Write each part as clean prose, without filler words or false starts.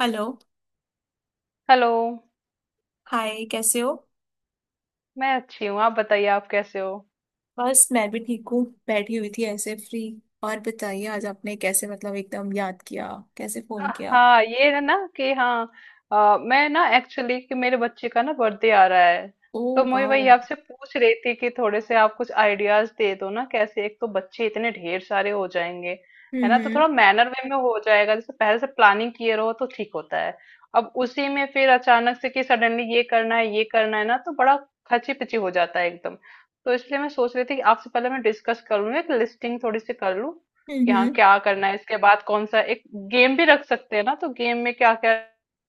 Hello. Hello. Hi, कैसे हो? मैं अच्छी हूँ, आप बताइए आप कैसे हो। बस मैं भी ठीक हूँ, बैठी हुई थी ऐसे फ्री। और बताइए, आज आपने कैसे, मतलब एकदम याद किया, कैसे फोन किया? हाँ ये है ना कि हाँ। मैं ना एक्चुअली कि मेरे बच्चे का ना बर्थडे आ रहा है। ओ, तो मैं वाह। वही हम्म, आपसे पूछ रही थी कि थोड़े से आप कुछ आइडियाज दे दो ना, कैसे एक तो बच्चे इतने ढेर सारे हो जाएंगे। है ना, तो हम्म, थोड़ा मैनर वे में हो जाएगा, जैसे पहले से प्लानिंग किए रहो तो ठीक होता है। अब उसी में फिर अचानक से कि सडनली ये करना है ना तो बड़ा खची पिची हो जाता है एकदम। तो इसलिए मैं सोच रही थी कि आपसे पहले मैं डिस्कस कर लूँ, एक लिस्टिंग थोड़ी सी कर लूँ कि हाँ हम्म, क्या करना है, इसके बाद कौन सा एक गेम भी रख सकते हैं ना, तो गेम में क्या क्या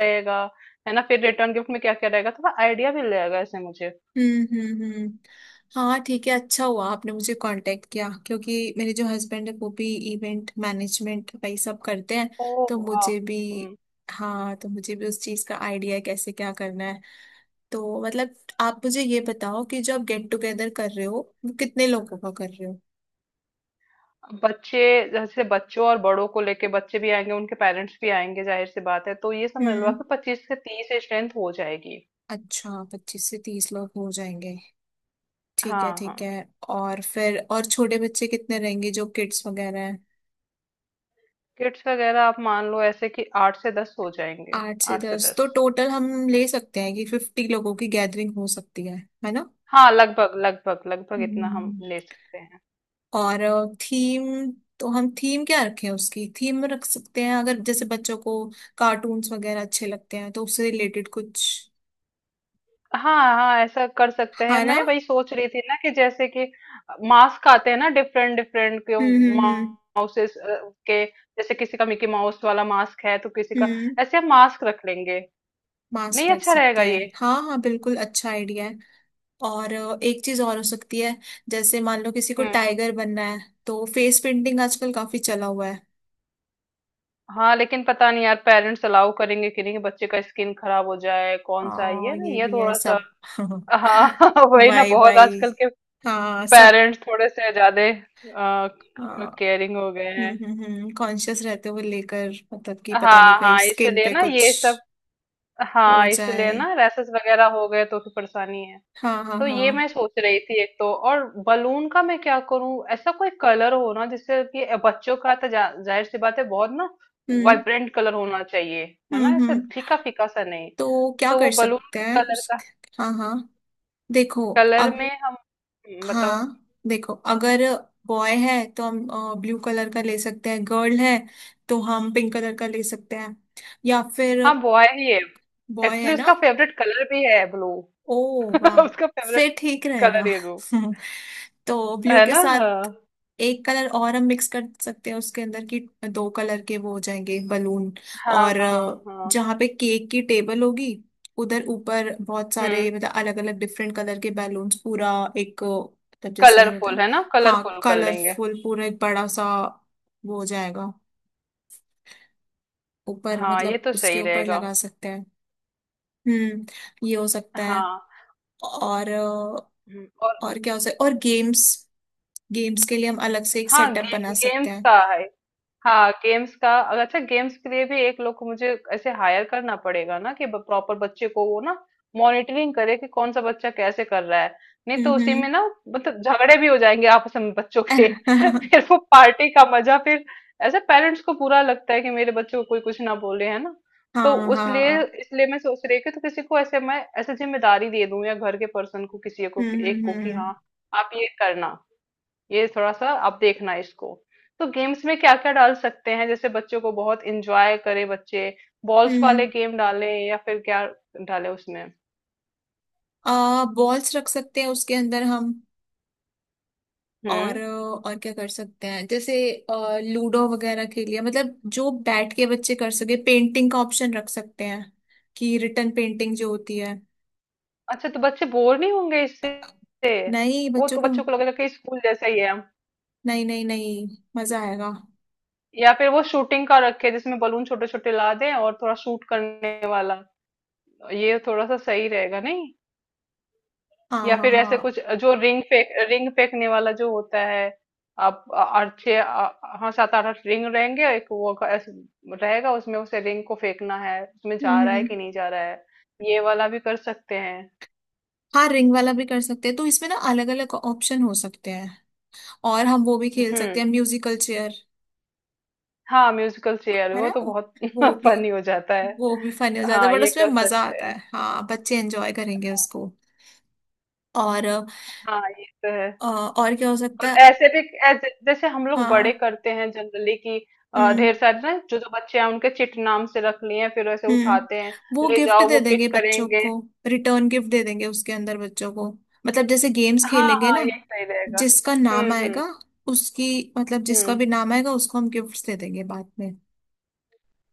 रहेगा। है ना, फिर रिटर्न गिफ्ट में क्या क्या रहेगा, थोड़ा आइडिया भी लगेगा ऐसे मुझे। हम्म, हम्म, हाँ, ठीक है। अच्छा हुआ आपने मुझे कांटेक्ट किया, क्योंकि मेरे जो हस्बैंड है वो भी इवेंट मैनेजमेंट वही सब करते हैं। ओ तो वाह। मुझे भी हम्म। हाँ, तो मुझे भी उस चीज़ का आइडिया है कैसे क्या करना है। तो मतलब, आप मुझे ये बताओ कि जो आप गेट टुगेदर कर रहे हो, वो कितने लोगों का कर रहे हो? बच्चे। जैसे बच्चों और बड़ों को लेके बच्चे भी आएंगे उनके पेरेंट्स भी आएंगे, जाहिर सी बात है, तो ये समझ लो हम्म। कि 25 से 30 स्ट्रेंथ हो जाएगी। अच्छा, 25 से 30 लोग हो जाएंगे। ठीक है, हाँ हाँ। ठीक है। और फिर, और छोटे बच्चे कितने रहेंगे जो किड्स वगैरह हैं? किड्स वगैरह आप मान लो ऐसे कि 8 से 10 हो जाएंगे। आठ से आठ से दस दस तो टोटल हम ले सकते हैं कि 50 लोगों की गैदरिंग हो सकती है ना। हाँ लगभग लगभग लगभग इतना हम हम्म। ले सकते हैं। और थीम, तो हम थीम क्या रखें? उसकी थीम रख सकते हैं, अगर जैसे बच्चों को कार्टून्स वगैरह अच्छे लगते हैं तो उससे रिलेटेड कुछ, हाँ हाँ ऐसा कर सकते हैं, है ना। मैं वही सोच रही थी ना कि जैसे कि मास्क आते हैं ना डिफरेंट डिफरेंट के हम्म, हम्म, हम्म, माउसेस के, जैसे किसी का मिकी माउस वाला मास्क है तो किसी का, हम्म। ऐसे हम मास्क रख लेंगे। मास्क नहीं, रख अच्छा सकते रहेगा ये। हैं, हाँ हाँ, बिल्कुल अच्छा आइडिया है। और एक चीज और हो सकती है। जैसे मान लो किसी को हम्म। टाइगर बनना है, तो फेस पेंटिंग आजकल काफी चला हुआ है। हाँ लेकिन पता नहीं यार पेरेंट्स अलाउ करेंगे कि नहीं, बच्चे का स्किन खराब हो जाए, कौन सा है ये ना ये ये भी है थोड़ा सा। सब। हाँ वही ना, वाई बहुत वाई आजकल के हाँ, सब। पेरेंट्स थोड़े से ज्यादा हाँ। केयरिंग हो गए हम्म, हैं। हम्म, हम्म। कॉन्शियस रहते हुए, लेकर मतलब कि पता नहीं हाँ कहीं हाँ स्किन इसलिए पे ना कुछ ये सब। हो हाँ इसलिए जाए। ना, रैसेस वगैरह हो गए तो फिर परेशानी है। हाँ हाँ तो ये हाँ। मैं सोच रही थी एक तो और बलून का मैं क्या करूं, ऐसा कोई कलर हो ना जिससे कि बच्चों का तो जाहिर सी बात है, बहुत ना हम्म, वाइब्रेंट कलर होना चाहिए। है ना, हम्म, ऐसा हम्म। फीका फीका सा नहीं। तो क्या तो वो कर बलून सकते के हैं कलर उस। का, हाँ हाँ, देखो। कलर अब, में हम। बताओ। हाँ देखो, अगर बॉय है तो हम ब्लू कलर का ले सकते हैं, गर्ल है तो हम पिंक कलर का ले सकते हैं, या फिर। हाँ बॉय ही है, बॉय है एक्चुअली ना। उसका फेवरेट कलर भी है ब्लू। ओ, वाह। उसका फेवरेट फिर ठीक रहेगा। कलर है वो। तो ब्लू है के ना। हाँ साथ एक कलर और हम मिक्स कर सकते हैं उसके अंदर की, दो कलर के वो हो जाएंगे बलून। हाँ और हाँ हाँ। जहाँ पे केक की टेबल होगी, उधर ऊपर बहुत हम्म। सारे, मतलब अलग अलग डिफरेंट कलर के बैलून्स पूरा, एक, मतलब जैसे होता कलरफुल है। है ना, हाँ, कलरफुल कर लेंगे। कलरफुल पूरा एक बड़ा सा वो हो जाएगा ऊपर, हाँ ये मतलब तो उसके सही ऊपर रहेगा। लगा सकते हैं। हम्म, ये हो सकता है। हाँ। और और। और क्या हो सकता है? और गेम्स। गेम्स के लिए हम अलग से एक हाँ सेटअप गे, बना सकते गेम्स हैं। का है। हाँ गेम्स का अच्छा, गेम्स के लिए भी एक लोग को मुझे ऐसे हायर करना पड़ेगा ना कि प्रॉपर बच्चे को वो ना मॉनिटरिंग करे कि कौन सा बच्चा कैसे कर रहा है। नहीं तो उसी में हम्म, ना मतलब झगड़े भी हो जाएंगे आपस में बच्चों के। हम्म। फिर वो पार्टी का मजा फिर, ऐसे पेरेंट्स को बुरा लगता है कि मेरे बच्चे को कोई कुछ ना बोले, है ना। तो हाँ उसलिए हाँ। इसलिए मैं सोच रही हूँ कि तो किसी को ऐसे मैं ऐसे जिम्मेदारी दे दूँ या घर के पर्सन को, किसी को हम्म, एक हम्म, को कि हाँ हम्म, आप ये करना, ये थोड़ा सा आप देखना इसको। तो गेम्स में क्या क्या डाल सकते हैं जैसे बच्चों को बहुत इंजॉय करे बच्चे। बॉल्स वाले हम्म। गेम डालें या फिर क्या डालें उसमें। आ बॉल्स रख सकते हैं उसके अंदर हम। और हम्म। और क्या कर सकते हैं? जैसे लूडो वगैरह खेल लिया, मतलब जो बैठ के बच्चे कर सके, पेंटिंग का ऑप्शन रख सकते हैं कि रिटर्न पेंटिंग जो होती है। अच्छा तो बच्चे बोर नहीं होंगे इससे? नहीं, वो बच्चों तो को। बच्चों को लगेगा कि स्कूल जैसा ही है। नहीं नहीं नहीं। मजा आएगा। या फिर वो शूटिंग का रखे जिसमें बलून छोटे छोटे ला दें और थोड़ा शूट करने वाला, ये थोड़ा सा सही रहेगा नहीं? हाँ या हाँ फिर ऐसे हाँ। कुछ जो रिंग फेंक, रिंग फेंकने वाला जो होता है। आप आठ छः हाँ सात आठ आठ रिंग रहेंगे, एक वो ऐसे रहेगा उसमें, उसे रिंग को फेंकना है उसमें जा हम्म, रहा है हम्म। कि नहीं जा रहा है। ये वाला भी कर सकते हैं। हाँ, रिंग वाला भी कर सकते हैं, तो इसमें ना अलग अलग ऑप्शन हो सकते हैं। और हम वो भी खेल सकते हम्म। हैं, म्यूजिकल चेयर। हाँ म्यूजिकल चेयर है वो ना। तो बहुत वो भी फनी हो जाता है। वो भी फनी हो जाता है, हाँ बट ये उसमें कर मजा सकते आता हैं। है। हाँ, बच्चे एंजॉय करेंगे उसको। और हाँ ये तो है। और क्या हो सकता और है? ऐसे भी जैसे हम लोग बड़े हाँ। करते हैं जनरली कि ढेर हम्म, सारे ना, जो जो बच्चे हैं उनके चिट नाम से रख लिए हैं फिर वैसे उठाते हम्म। वो हैं, ले गिफ्ट जाओ दे वो देंगे पिक बच्चों करेंगे। को, रिटर्न गिफ्ट दे देंगे उसके अंदर बच्चों को, मतलब जैसे गेम्स हाँ, खेलेंगे हाँ, ना, ये सही रहेगा। जिसका नाम हुँ, हुँ, आएगा उसकी, मतलब जिसका हुँ। भी नाम आएगा उसको हम गिफ्ट्स दे देंगे बाद में,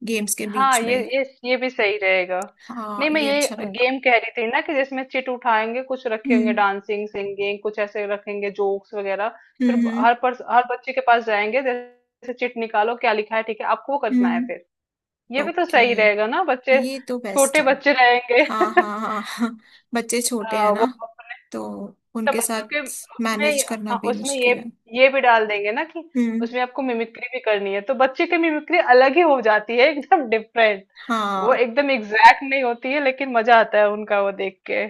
गेम्स के हाँ, बीच में। ये भी सही रहेगा। हाँ, नहीं, मैं ये ये अच्छा रहेगा। गेम कह रही थी ना कि जिसमें चिट उठाएँगे, कुछ रखेंगे हम्म, डांसिंग, सिंगिंग, कुछ ऐसे रखेंगे जोक्स वगैरह। फिर हम्म, ब हम्म, हर पर्स हर बच्चे के पास जाएँगे, जैसे चिट निकालो, क्या लिखा है, ठीक है, आपको वो करना है हम्म। फिर। ये भी तो ओके, सही रहेगा ना, बच्चे ये तो बेस्ट छोटे है। बच्चे रहेंगे। हाँ हाँ हाँ हाँ। बच्चे छोटे हाँ, हैं वो। ना, तो अच्छा उनके बच्चों के साथ मैनेज उसमें करना हाँ भी उसमें ये मुश्किल है। ये भी डाल देंगे ना कि हम्म। उसमें आपको मिमिक्री भी करनी है तो बच्चे की मिमिक्री अलग ही हो जाती है एकदम डिफरेंट। वो हाँ एकदम एग्जैक्ट नहीं होती है लेकिन मजा आता है उनका वो देख के।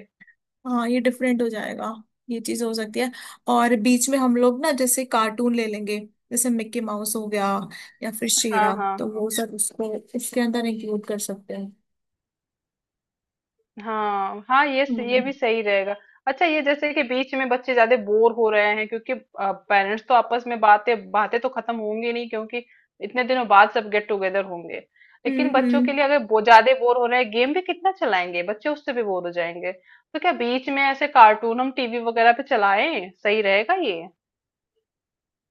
हाँ, ये डिफरेंट हो जाएगा, ये चीज हो सकती है। और बीच में हम लोग ना जैसे कार्टून ले लेंगे, जैसे मिक्की माउस हो गया या फिर हाँ शेरा, तो हाँ वो सब उसको इसके अंदर इंक्लूड कर सकते हैं। हाँ हाँ ये ये हम्म, भी सही रहेगा। अच्छा ये जैसे कि बीच में बच्चे ज्यादा बोर हो रहे हैं क्योंकि पेरेंट्स तो आपस में बातें, बातें तो खत्म होंगी नहीं क्योंकि इतने दिनों बाद सब गेट टुगेदर होंगे, हम्म, लेकिन बच्चों के लिए अगर ज्यादा बोर हो रहे हैं गेम भी कितना चलाएंगे बच्चे उससे भी बोर हो जाएंगे, तो क्या बीच में ऐसे कार्टून हम टीवी वगैरह पे चलाएं, सही रहेगा ये?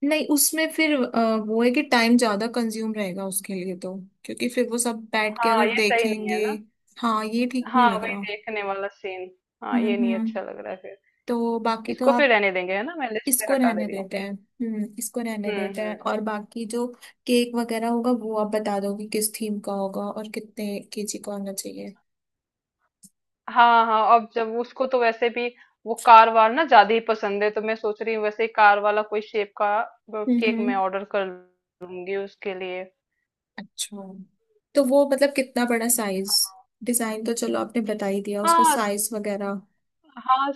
नहीं, उसमें फिर वो है कि टाइम ज्यादा कंज्यूम रहेगा उसके लिए तो, क्योंकि फिर वो सब बैठ के हाँ अगर ये सही नहीं देखेंगे। है ना। हाँ, ये ठीक हाँ नहीं लग वही रहा। देखने वाला सीन। हाँ हम्म, ये नहीं हम्म। अच्छा लग रहा है फिर। तो बाकी तो इसको फिर आप, रहने देंगे, है ना, मैं लिस्ट से इसको हटा दे रहने रही हूँ। देते हैं, हम्म, इसको रहने देते हैं, हम्म। और बाकी जो केक वगैरह होगा, वो आप बता दोगे किस थीम का होगा और कितने केजी का होना चाहिए। हाँ हाँ अब जब उसको तो वैसे भी वो कार वार ना ज्यादा ही पसंद है तो मैं सोच रही हूँ वैसे ही कार वाला कोई शेप का हम्म, केक मैं हम्म। ऑर्डर कर लूंगी उसके लिए। अच्छा, तो वो मतलब कितना बड़ा साइज, डिजाइन तो चलो आपने बता ही दिया, उसका हाँ साइज वगैरह। हाँ।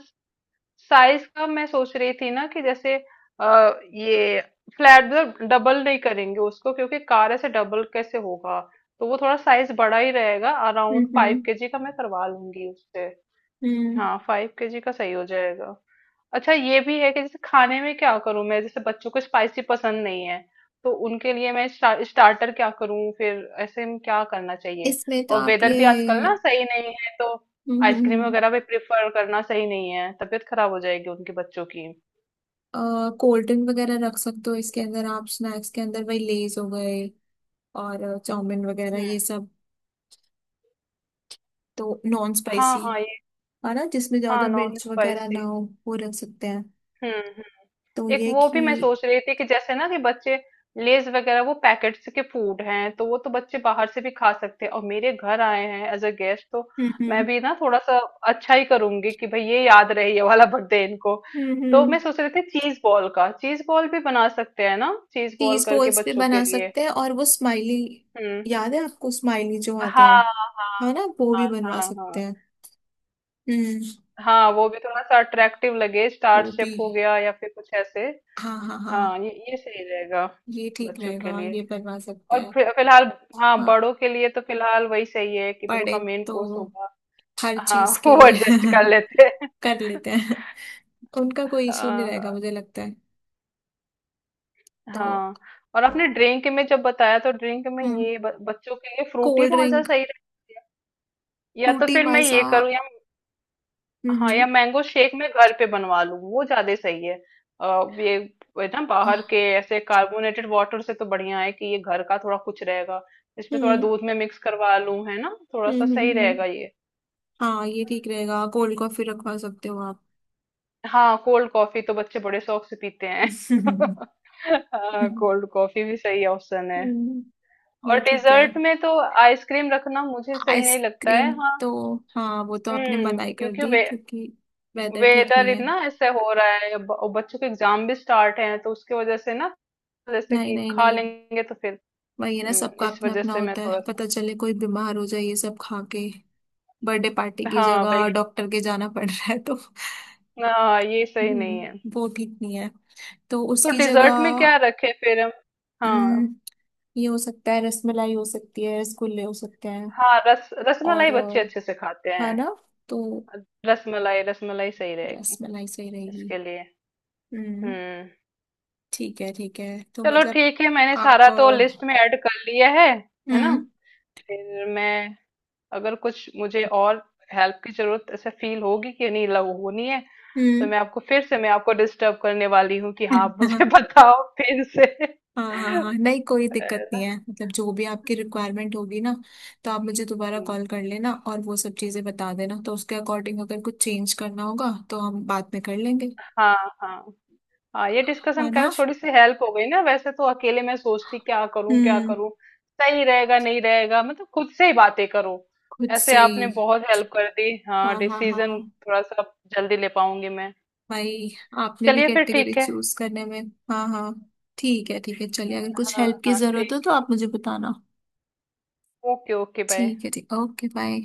साइज का मैं सोच रही थी ना कि जैसे ये फ्लैट, डबल नहीं करेंगे उसको क्योंकि कार ऐसे डबल कैसे होगा। तो वो थोड़ा साइज बड़ा ही रहेगा, हम्म, अराउंड फाइव हम्म, केजी का मैं करवा लूंगी उससे। हम्म। हाँ 5 केजी का सही हो जाएगा। अच्छा ये भी है कि जैसे खाने में क्या करूं मैं, जैसे बच्चों को स्पाइसी पसंद नहीं है तो उनके लिए मैं स्टार्टर क्या करूं फिर, ऐसे में क्या करना चाहिए? इसमें तो और आप वेदर भी आजकल ये। ना सही नहीं है तो हम्म, हम्म, आइसक्रीम वगैरह भी प्रेफर करना सही नहीं है, तबीयत खराब हो जाएगी उनके बच्चों की। कोल्ड ड्रिंक वगैरह रख सकते हो इसके अंदर आप, स्नैक्स के अंदर वही लेज हो गए और चाउमिन वगैरह ये हम्म। सब, तो नॉन हाँ स्पाइसी, हाँ ये। है ना, जिसमें हाँ ज्यादा नॉन मिर्च वगैरह ना स्पाइसी। हो, वो रख सकते हैं। हम्म। तो एक ये वो कि। भी मैं सोच रही थी कि जैसे ना कि बच्चे लेज वगैरह वो पैकेट्स के फूड हैं तो वो तो बच्चे बाहर से भी खा सकते हैं, और मेरे घर आए हैं एज अ गेस्ट, तो मैं हम्म, भी ना थोड़ा सा अच्छा ही करूंगी कि भाई ये याद रहे ये वाला बर्थडे इनको। तो हम्म। मैं सोच रही थी चीज बॉल का, चीज बॉल भी बना सकते हैं ना चीज बॉल चीज करके बॉल्स भी बच्चों के बना लिए। सकते हैं और वो स्माइली, हम्म। याद है आपको स्माइली जो आते हाँ हैं, है ना, हाँ वो भी बनवा हाँ सकते हाँ। हैं। हम्म। हाँ वो भी थोड़ा सा अट्रैक्टिव लगे, स्टार वो शेप भी, हो गया या फिर कुछ ऐसे। हाँ हाँ हाँ हाँ, ये सही रहेगा ये ठीक बच्चों के रहेगा, ये लिए। बनवा सकते और हैं। फिलहाल, हाँ हाँ, बड़ों के लिए तो फिलहाल वही सही है कि पड़े, उनका मेन कोर्स तो होगा। हर हाँ चीज के वो लिए। एडजस्ट कर लेते हैं। कर लेते हैं, उनका कोई इश्यू नहीं हाँ रहेगा हाँ मुझे लगता है तो। हाँ। और आपने ड्रिंक में जब बताया तो ड्रिंक में हम्म। ये बच्चों के लिए फ्रूटी कोल्ड मौजा ड्रिंक, सही रहती है, या तो फ्रूटी फिर मैं माजा। ये करूँ या हाँ, या हम्म। मैंगो शेक मैं घर पे बनवा लूँ वो ज्यादा सही है। आ, ये ये ना आह। बाहर के ऐसे कार्बोनेटेड वाटर से तो बढ़िया है कि ये घर का थोड़ा कुछ रहेगा, इसमें थोड़ा हम्म, दूध में मिक्स करवा लूँ, है ना, थोड़ा हम्म, सा सही रहेगा ये। हाँ, ये ठीक रहेगा, कोल्ड कॉफी रखवा सकते हो आप। हाँ कोल्ड कॉफी तो बच्चे बड़े शौक से पीते हैं। हाँ कोल्ड कॉफी भी सही ऑप्शन है। हम्म, और ये ठीक है। डेजर्ट में तो आइसक्रीम रखना मुझे सही नहीं लगता है, आइसक्रीम हाँ। तो, हाँ, वो तो आपने मनाही कर क्योंकि दी, क्योंकि वेदर ठीक वेदर नहीं है। इतना ऐसे हो रहा है और बच्चों के एग्जाम भी स्टार्ट हैं तो उसकी वजह से ना, जैसे नहीं कि नहीं खा नहीं, लेंगे तो फिर। वही है ना, सबका इस अपना वजह अपना से मैं होता थोड़ा है, सा। पता चले कोई बीमार हो जाए ये सब खा के। बर्थडे पार्टी की हाँ भाई, जगह डॉक्टर के जाना पड़ रहा है तो। हाँ ये सही नहीं है। वो ठीक नहीं है। तो तो उसकी जगह। डेजर्ट में क्या रखे फिर हम? हाँ हम्म, ये हो सकता है, रसमलाई हो सकती है, रसगुल्ले हो सकते हैं। हाँ रस और रसमलाई बच्चे अच्छे से खाते है हैं। ना, तो रसमलाई, रसमलाई सही रहेगी रसमलाई सही रहेगी। इसके लिए। हम्म। हुँ, ठीक है, ठीक है, तो चलो मतलब ठीक है, मैंने आप सारा तो लिस्ट में ऐड कर लिया है ना? हम्म, फिर मैं, अगर कुछ मुझे और हेल्प की ज़रूरत ऐसे फ़ील होगी कि नहीं लग होनी है, तो हम्म। मैं आपको फिर से मैं आपको डिस्टर्ब करने वाली हूँ कि हाँ, आप मुझे बताओ फिर से। हाँ हाँ हाँ, नहीं कोई दिक्कत नहीं अ, है, मतलब जो भी आपकी रिक्वायरमेंट होगी ना, तो आप मुझे दोबारा हुँ, कॉल कर लेना और वो सब चीज़ें बता देना, तो उसके अकॉर्डिंग अगर कुछ चेंज करना होगा तो हम बाद में कर लेंगे। हाँ, हाँ। हाँ ये है डिस्कशन ना। करने से थोड़ी सी हेल्प हो गई ना, वैसे तो अकेले मैं सोचती क्या हम्म। करूं सही रहेगा नहीं रहेगा, मतलब खुद से ही बातें करो। खुद ऐसे से ही। आपने बहुत हेल्प कर दी, हाँ हाँ हाँ डिसीजन हाँ। थोड़ा सा जल्दी ले पाऊंगी मैं। भाई, आपने भी चलिए फिर कैटेगरी ठीक है। चूज करने में। हाँ हाँ, ठीक है, ठीक है, चलिए, अगर कुछ हाँ हेल्प की हाँ जरूरत हो ठीक। तो आप मुझे बताना। Okay okay bye. ठीक है, ठीक, ओके, बाय।